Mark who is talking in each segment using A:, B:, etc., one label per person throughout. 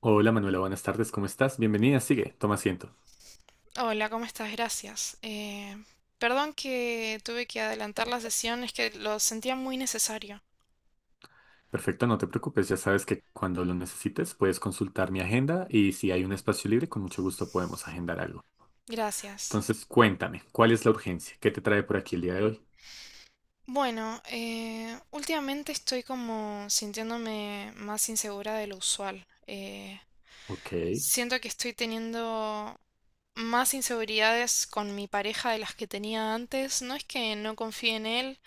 A: Hola Manuela, buenas tardes, ¿cómo estás? Bienvenida, sigue, toma asiento.
B: Hola, ¿cómo estás? Gracias. Perdón que tuve que adelantar la sesión, es que lo sentía muy necesario.
A: Perfecto, no te preocupes, ya sabes que cuando lo necesites puedes consultar mi agenda y si hay un espacio libre, con mucho gusto podemos agendar algo.
B: Gracias.
A: Entonces, cuéntame, ¿cuál es la urgencia? ¿Qué te trae por aquí el día de hoy?
B: Bueno, últimamente estoy como sintiéndome más insegura de lo usual.
A: Ok,
B: Siento que estoy teniendo más inseguridades con mi pareja de las que tenía antes. No es que no confíe en él,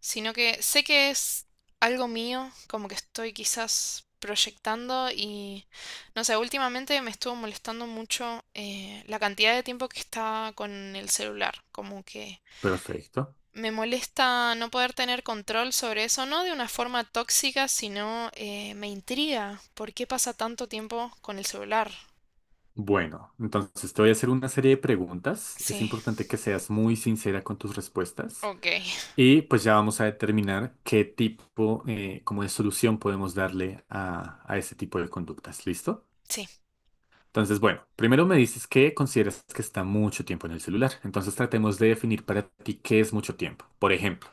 B: sino que sé que es algo mío, como que estoy quizás proyectando y no sé, últimamente me estuvo molestando mucho la cantidad de tiempo que está con el celular, como que
A: perfecto.
B: me molesta no poder tener control sobre eso, no de una forma tóxica, sino me intriga por qué pasa tanto tiempo con el celular.
A: Bueno, entonces te voy a hacer una serie de preguntas. Es
B: Sí.
A: importante que seas muy sincera con tus respuestas
B: Ok,
A: y pues ya vamos a determinar qué tipo, como de solución podemos darle a ese tipo de conductas. ¿Listo?
B: sí,
A: Entonces, bueno, primero me dices que consideras que está mucho tiempo en el celular. Entonces tratemos de definir para ti qué es mucho tiempo. Por ejemplo,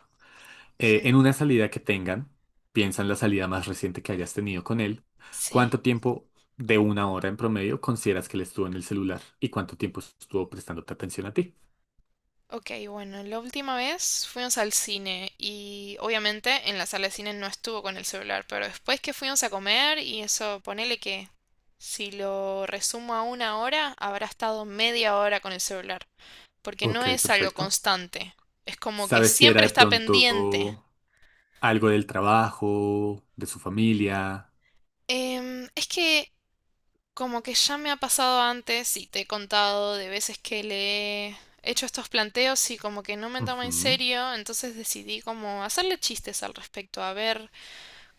A: en una salida que tengan, piensa en la salida más reciente que hayas tenido con él,
B: sí.
A: ¿cuánto tiempo de una hora en promedio consideras que él estuvo en el celular y cuánto tiempo estuvo prestándote atención a ti?
B: Ok, bueno, la última vez fuimos al cine y obviamente en la sala de cine no estuvo con el celular, pero después que fuimos a comer y eso, ponele que si lo resumo a una hora, habrá estado media hora con el celular, porque no
A: Ok,
B: es algo
A: perfecto.
B: constante, es como que
A: ¿Sabes si era
B: siempre
A: de
B: está pendiente.
A: pronto algo del trabajo, de su familia?
B: Es que como que ya me ha pasado antes y te he contado de veces que le he hecho estos planteos y como que no me toma en
A: Ujú.
B: serio, entonces decidí como hacerle chistes al respecto, a ver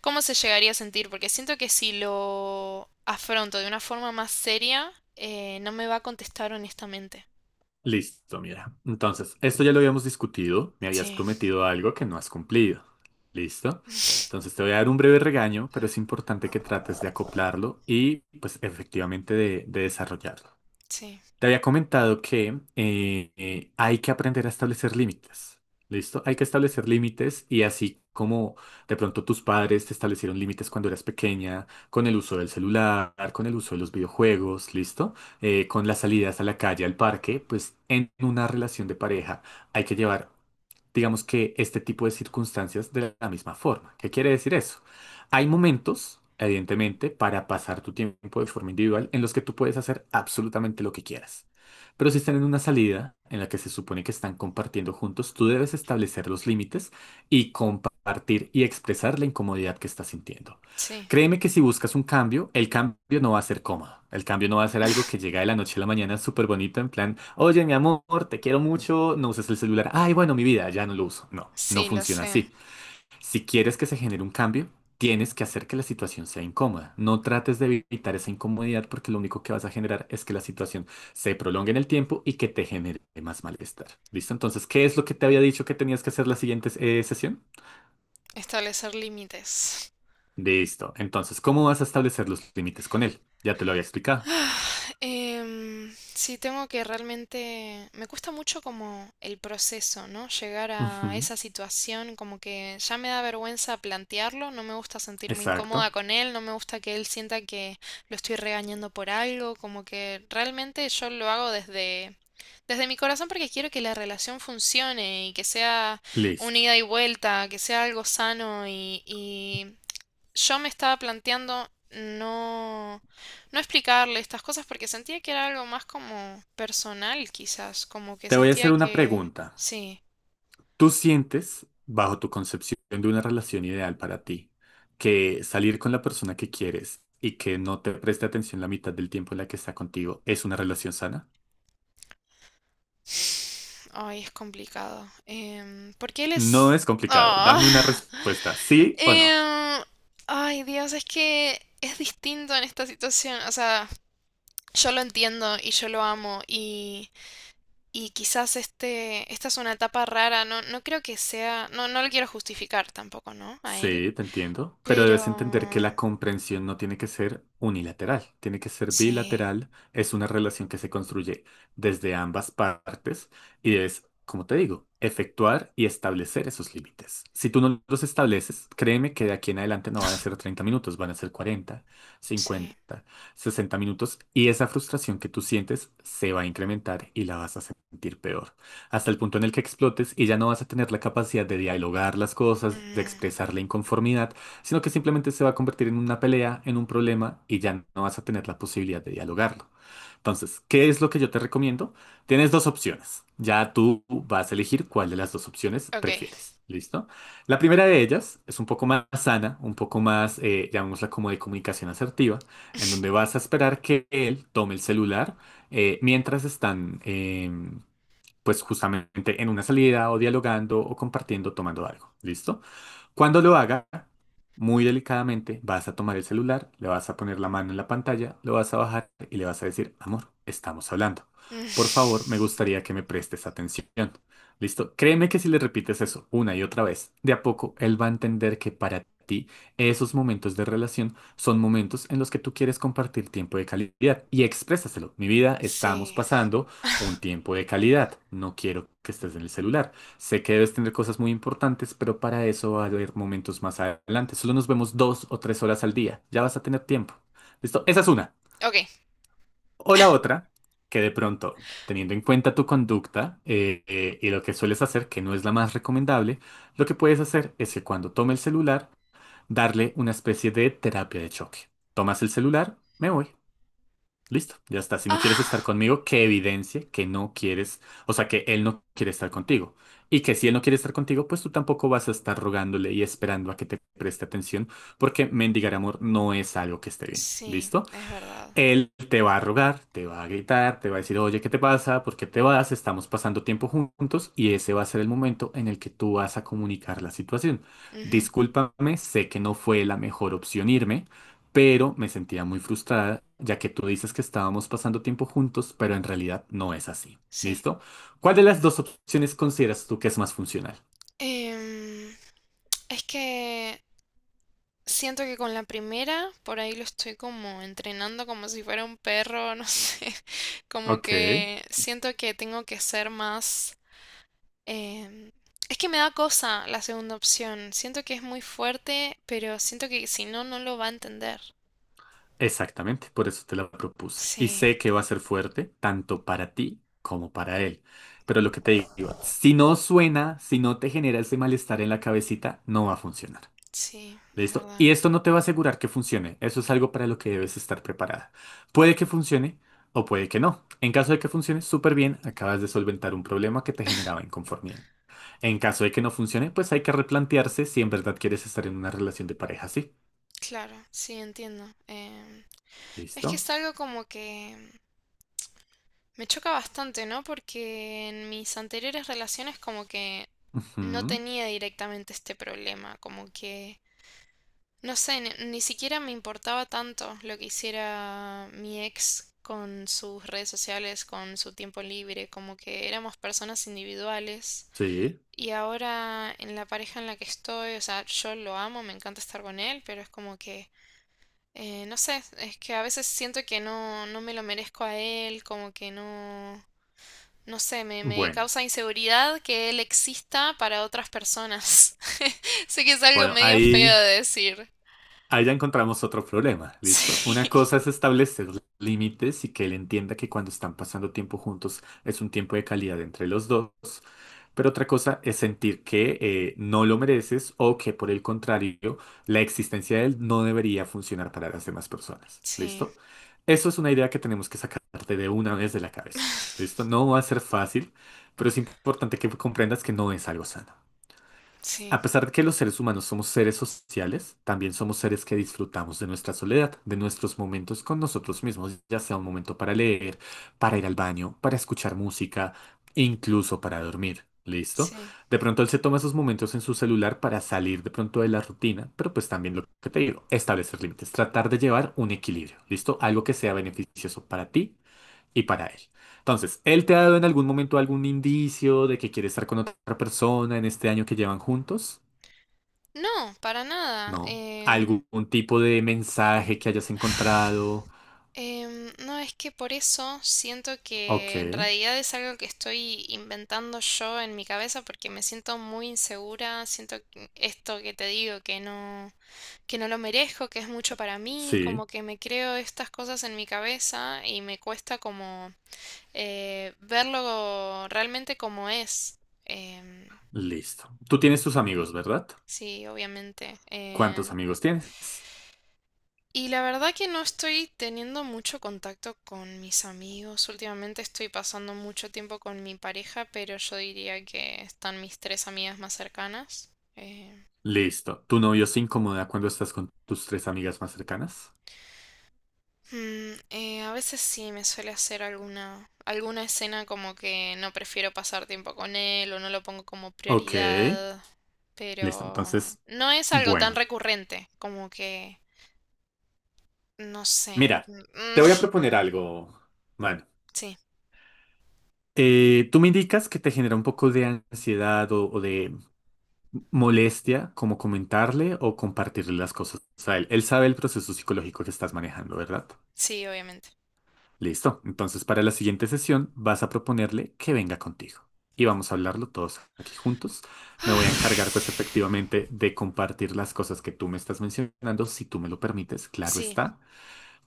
B: cómo se llegaría a sentir, porque siento que si lo afronto de una forma más seria, no me va a contestar honestamente.
A: Listo, mira. Entonces, esto ya lo habíamos discutido. Me habías
B: Sí,
A: prometido algo que no has cumplido. ¿Listo? Entonces te voy a dar un breve regaño, pero es importante que trates de acoplarlo y pues efectivamente de desarrollarlo.
B: sí,
A: Te había comentado que hay que aprender a establecer límites. ¿Listo? Hay que establecer límites y así como de pronto tus padres te establecieron límites cuando eras pequeña, con el uso del celular, con el uso de los videojuegos, ¿listo? Con las salidas a la calle, al parque, pues en una relación de pareja hay que llevar, digamos que este tipo de circunstancias de la misma forma. ¿Qué quiere decir eso? Hay momentos, evidentemente, para pasar tu tiempo de forma individual en los que tú puedes hacer absolutamente lo que quieras. Pero si están en una salida en la que se supone que están compartiendo juntos, tú debes establecer los límites y compartir y expresar la incomodidad que estás sintiendo.
B: sí,
A: Créeme que si buscas un cambio, el cambio no va a ser cómodo. El cambio no va a ser algo que llega de la noche a la mañana súper bonito en plan, oye, mi amor, te quiero mucho, no uses el celular. Ay, bueno, mi vida, ya no lo uso. No, no
B: sí, lo
A: funciona
B: sé.
A: así. Si quieres que se genere un cambio, tienes que hacer que la situación sea incómoda. No trates de evitar esa incomodidad porque lo único que vas a generar es que la situación se prolongue en el tiempo y que te genere más malestar. ¿Listo? Entonces, ¿qué es lo que te había dicho que tenías que hacer la siguiente sesión?
B: Establecer límites.
A: Listo. Entonces, ¿cómo vas a establecer los límites con él? Ya te lo había explicado.
B: Sí, tengo que realmente... Me cuesta mucho como el proceso, ¿no? Llegar a
A: Ujú,
B: esa situación, como que ya me da vergüenza plantearlo, no me gusta sentirme incómoda
A: exacto.
B: con él, no me gusta que él sienta que lo estoy regañando por algo, como que realmente yo lo hago desde... Desde mi corazón porque quiero que la relación funcione y que sea una
A: Listo.
B: ida y vuelta, que sea algo sano y yo me estaba planteando no, no explicarle estas cosas porque sentía que era algo más como personal, quizás, como que
A: Te voy a
B: sentía
A: hacer una
B: que
A: pregunta.
B: sí.
A: ¿Tú sientes, bajo tu concepción de una relación ideal para ti, que salir con la persona que quieres y que no te preste atención la mitad del tiempo en la que está contigo es una relación sana?
B: Ay, es complicado. Porque él
A: No
B: es...
A: es complicado.
B: Ah.
A: Dame una respuesta, sí o no.
B: Em, ay, Dios, es que es distinto en esta situación. O sea, yo lo entiendo y yo lo amo y quizás este, esta es una etapa rara. No, no creo que sea... No, no lo quiero justificar tampoco, ¿no? A él.
A: Sí, te entiendo, pero debes entender que
B: Pero...
A: la comprensión no tiene que ser unilateral, tiene que ser
B: Sí,
A: bilateral, es una relación que se construye desde ambas partes y es, como te digo, efectuar y establecer esos límites. Si tú no los estableces, créeme que de aquí en adelante no van a ser 30 minutos, van a ser 40,
B: sí.
A: 50, 60 minutos y esa frustración que tú sientes se va a incrementar y la vas a sentir peor hasta el punto en el que explotes y ya no vas a tener la capacidad de dialogar las cosas, de
B: Mm,
A: expresar la inconformidad, sino que simplemente se va a convertir en una pelea, en un problema y ya no vas a tener la posibilidad de dialogarlo. Entonces, ¿qué es lo que yo te recomiendo? Tienes dos opciones. Ya tú vas a elegir cuál de las dos opciones
B: ok.
A: prefieres. ¿Listo? La primera de ellas es un poco más sana, un poco más, llamémosla como de comunicación asertiva, en donde vas a esperar que él tome el celular mientras están, pues justamente en una salida o dialogando o compartiendo, tomando algo. ¿Listo? Cuando lo haga, muy delicadamente vas a tomar el celular, le vas a poner la mano en la pantalla, lo vas a bajar y le vas a decir, amor, estamos hablando.
B: Mm,
A: Por favor, me gustaría que me prestes atención. ¿Listo? Créeme que si le repites eso una y otra vez, de a poco él va a entender que para ti esos momentos de relación son momentos en los que tú quieres compartir tiempo de calidad y exprésaselo. Mi vida, estamos
B: sí,
A: pasando un tiempo de calidad. No quiero que estés en el celular. Sé que debes tener cosas muy importantes, pero para eso va a haber momentos más adelante. Solo nos vemos dos o tres horas al día. Ya vas a tener tiempo. ¿Listo? Esa es una.
B: ok.
A: O la otra, que de pronto, teniendo en cuenta tu conducta y lo que sueles hacer, que no es la más recomendable, lo que puedes hacer es que cuando tome el celular, darle una especie de terapia de choque. Tomas el celular, me voy. Listo, ya está. Si no quieres estar
B: Ah,
A: conmigo, que evidencie que no quieres, o sea, que él no quiere estar contigo. Y que si él no quiere estar contigo, pues tú tampoco vas a estar rogándole y esperando a que te preste atención, porque mendigar amor no es algo que esté bien.
B: sí,
A: ¿Listo?
B: es verdad.
A: Él te va a rogar, te va a gritar, te va a decir, oye, ¿qué te pasa? ¿Por qué te vas? Estamos pasando tiempo juntos y ese va a ser el momento en el que tú vas a comunicar la situación.
B: Ujú,
A: Discúlpame, sé que no fue la mejor opción irme, pero me sentía muy frustrada, ya que tú dices que estábamos pasando tiempo juntos, pero en realidad no es así.
B: sí.
A: ¿Listo? ¿Cuál de las dos opciones consideras tú que es más funcional?
B: Em, es que siento que con la primera, por ahí lo estoy como entrenando como si fuera un perro, no sé. Como
A: Ok.
B: que siento que tengo que ser más... Em, es que me da cosa la segunda opción. Siento que es muy fuerte, pero siento que si no, no lo va a entender.
A: Exactamente, por eso te la propuse. Y
B: Sí,
A: sé que va a ser fuerte, tanto para ti como para él. Pero lo que te digo, si no suena, si no te genera ese malestar en la cabecita, no va a funcionar.
B: sí, es
A: ¿Listo? Y
B: verdad.
A: esto no te va a asegurar que funcione. Eso es algo para lo que debes estar preparada. Puede que funcione o puede que no. En caso de que funcione, súper bien, acabas de solventar un problema que te generaba inconformidad. En caso de que no funcione, pues hay que replantearse si en verdad quieres estar en una relación de pareja así.
B: Claro, sí, entiendo. Es
A: ¿Listo?
B: que es algo como que me choca bastante, ¿no? Porque en mis anteriores relaciones como que no
A: Ujú,
B: tenía directamente este problema, como que no sé, ni, ni siquiera me importaba tanto lo que hiciera mi ex con sus redes sociales, con su tiempo libre, como que éramos personas individuales.
A: sí.
B: Y ahora en la pareja en la que estoy, o sea, yo lo amo, me encanta estar con él, pero es como que, no sé, es que a veces siento que no, no me lo merezco a él, como que no, no sé, me
A: Bueno.
B: causa inseguridad que él exista para otras personas. Sé que es algo
A: Bueno,
B: medio feo
A: ahí,
B: de decir.
A: ahí ya encontramos otro problema, ¿listo? Una
B: Sí.
A: cosa es establecer límites y que él entienda que cuando están pasando tiempo juntos es un tiempo de calidad entre los dos, pero otra cosa es sentir que no lo mereces o que por el contrario, la existencia de él no debería funcionar para las demás personas,
B: Sí,
A: ¿listo? Eso es una idea que tenemos que sacarte de una vez de la cabeza, ¿listo? No va a ser fácil, pero es importante que comprendas que no es algo sano.
B: sí,
A: A pesar de que los seres humanos somos seres sociales, también somos seres que disfrutamos de nuestra soledad, de nuestros momentos con nosotros mismos, ya sea un momento para leer, para ir al baño, para escuchar música, e incluso para dormir. ¿Listo?
B: sí.
A: De pronto él se toma esos momentos en su celular para salir de pronto de la rutina, pero pues también lo que te digo, establecer límites, tratar de llevar un equilibrio, ¿listo? Algo que sea beneficioso para ti y para él. Entonces, ¿él te ha dado en algún momento algún indicio de que quiere estar con otra persona en este año que llevan juntos?
B: No, para nada.
A: No. ¿Algún tipo de mensaje que hayas encontrado?
B: No, es que por eso siento
A: Ok,
B: que en realidad es algo que estoy inventando yo en mi cabeza porque me siento muy insegura, siento que esto que te digo que no lo merezco, que es mucho para mí,
A: sí,
B: como que me creo estas cosas en mi cabeza y me cuesta como verlo realmente como es. Em,
A: listo. Tú tienes tus
B: sí,
A: amigos, ¿verdad?
B: sí, obviamente.
A: ¿Cuántos amigos tienes?
B: Y la verdad que no estoy teniendo mucho contacto con mis amigos. Últimamente estoy pasando mucho tiempo con mi pareja, pero yo diría que están mis tres amigas más cercanas. Eh,
A: Listo. ¿Tu novio se incomoda cuando estás con tus tres amigas más cercanas?
B: mm, a veces sí me suele hacer alguna, alguna escena como que no prefiero pasar tiempo con él o no lo pongo como
A: Ok,
B: prioridad,
A: listo.
B: pero
A: Entonces,
B: no es algo tan
A: bueno.
B: recurrente como que, no sé.
A: Mira,
B: Mm.
A: te voy a proponer algo, mano.
B: Sí,
A: Tú me indicas que te genera un poco de ansiedad o de molestia como comentarle o compartirle las cosas a él. Él sabe el proceso psicológico que estás manejando, ¿verdad?
B: sí, obviamente.
A: Listo. Entonces, para la siguiente sesión vas a proponerle que venga contigo. Y vamos a hablarlo todos aquí juntos. Me voy a encargar, pues, efectivamente, de compartir las cosas que tú me estás mencionando, si tú me lo permites, claro
B: Sí,
A: está.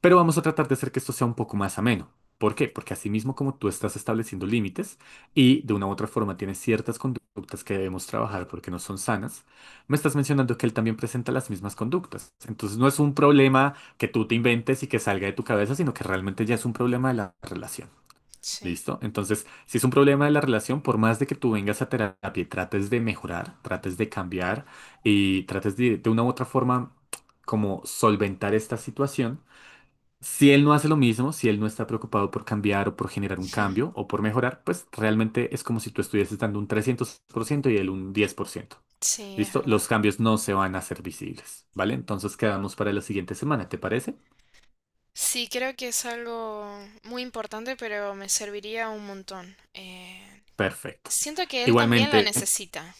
A: Pero vamos a tratar de hacer que esto sea un poco más ameno. ¿Por qué? Porque así mismo como tú estás estableciendo límites y de una u otra forma tienes ciertas conductas que debemos trabajar porque no son sanas, me estás mencionando que él también presenta las mismas conductas. Entonces no es un problema que tú te inventes y que salga de tu cabeza, sino que realmente ya es un problema de la relación.
B: sí,
A: ¿Listo? Entonces, si es un problema de la relación, por más de que tú vengas a terapia y trates de mejorar, trates de cambiar y trates de una u otra forma como solventar esta situación, si él no hace lo mismo, si él no está preocupado por cambiar o por generar un
B: mm,
A: cambio o por mejorar, pues realmente es como si tú estuvieses dando un 300 por ciento y él un 10 por ciento.
B: sí, es
A: ¿Listo?
B: verdad.
A: Los cambios no se van a hacer visibles, ¿vale? Entonces quedamos para la siguiente semana, ¿te parece?
B: Sí, creo que es algo muy importante, pero me serviría un montón.
A: Perfecto.
B: Siento que él también la
A: Igualmente,
B: necesita.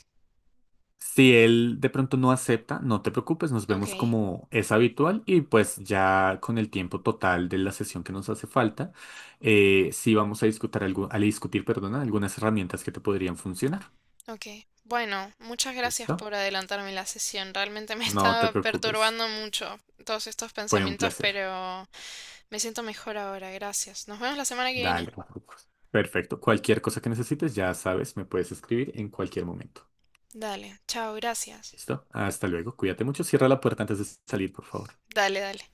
A: si él de pronto no acepta, no te preocupes, nos
B: Ok,
A: vemos como es habitual y pues ya con el tiempo total de la sesión que nos hace falta, sí vamos a discutir, algo, a discutir, perdona, algunas herramientas que te podrían funcionar.
B: ok. Bueno, muchas gracias
A: ¿Listo?
B: por adelantarme la sesión. Realmente me
A: No te
B: estaba
A: preocupes.
B: perturbando mucho todos estos
A: Fue un
B: pensamientos,
A: placer.
B: pero me siento mejor ahora. Gracias. Nos vemos la semana que viene.
A: Dale, Marcos. Perfecto. Cualquier cosa que necesites, ya sabes, me puedes escribir en cualquier momento.
B: Dale, chao, gracias.
A: ¿Listo? Hasta luego. Cuídate mucho. Cierra la puerta antes de salir, por favor.
B: Dale, dale.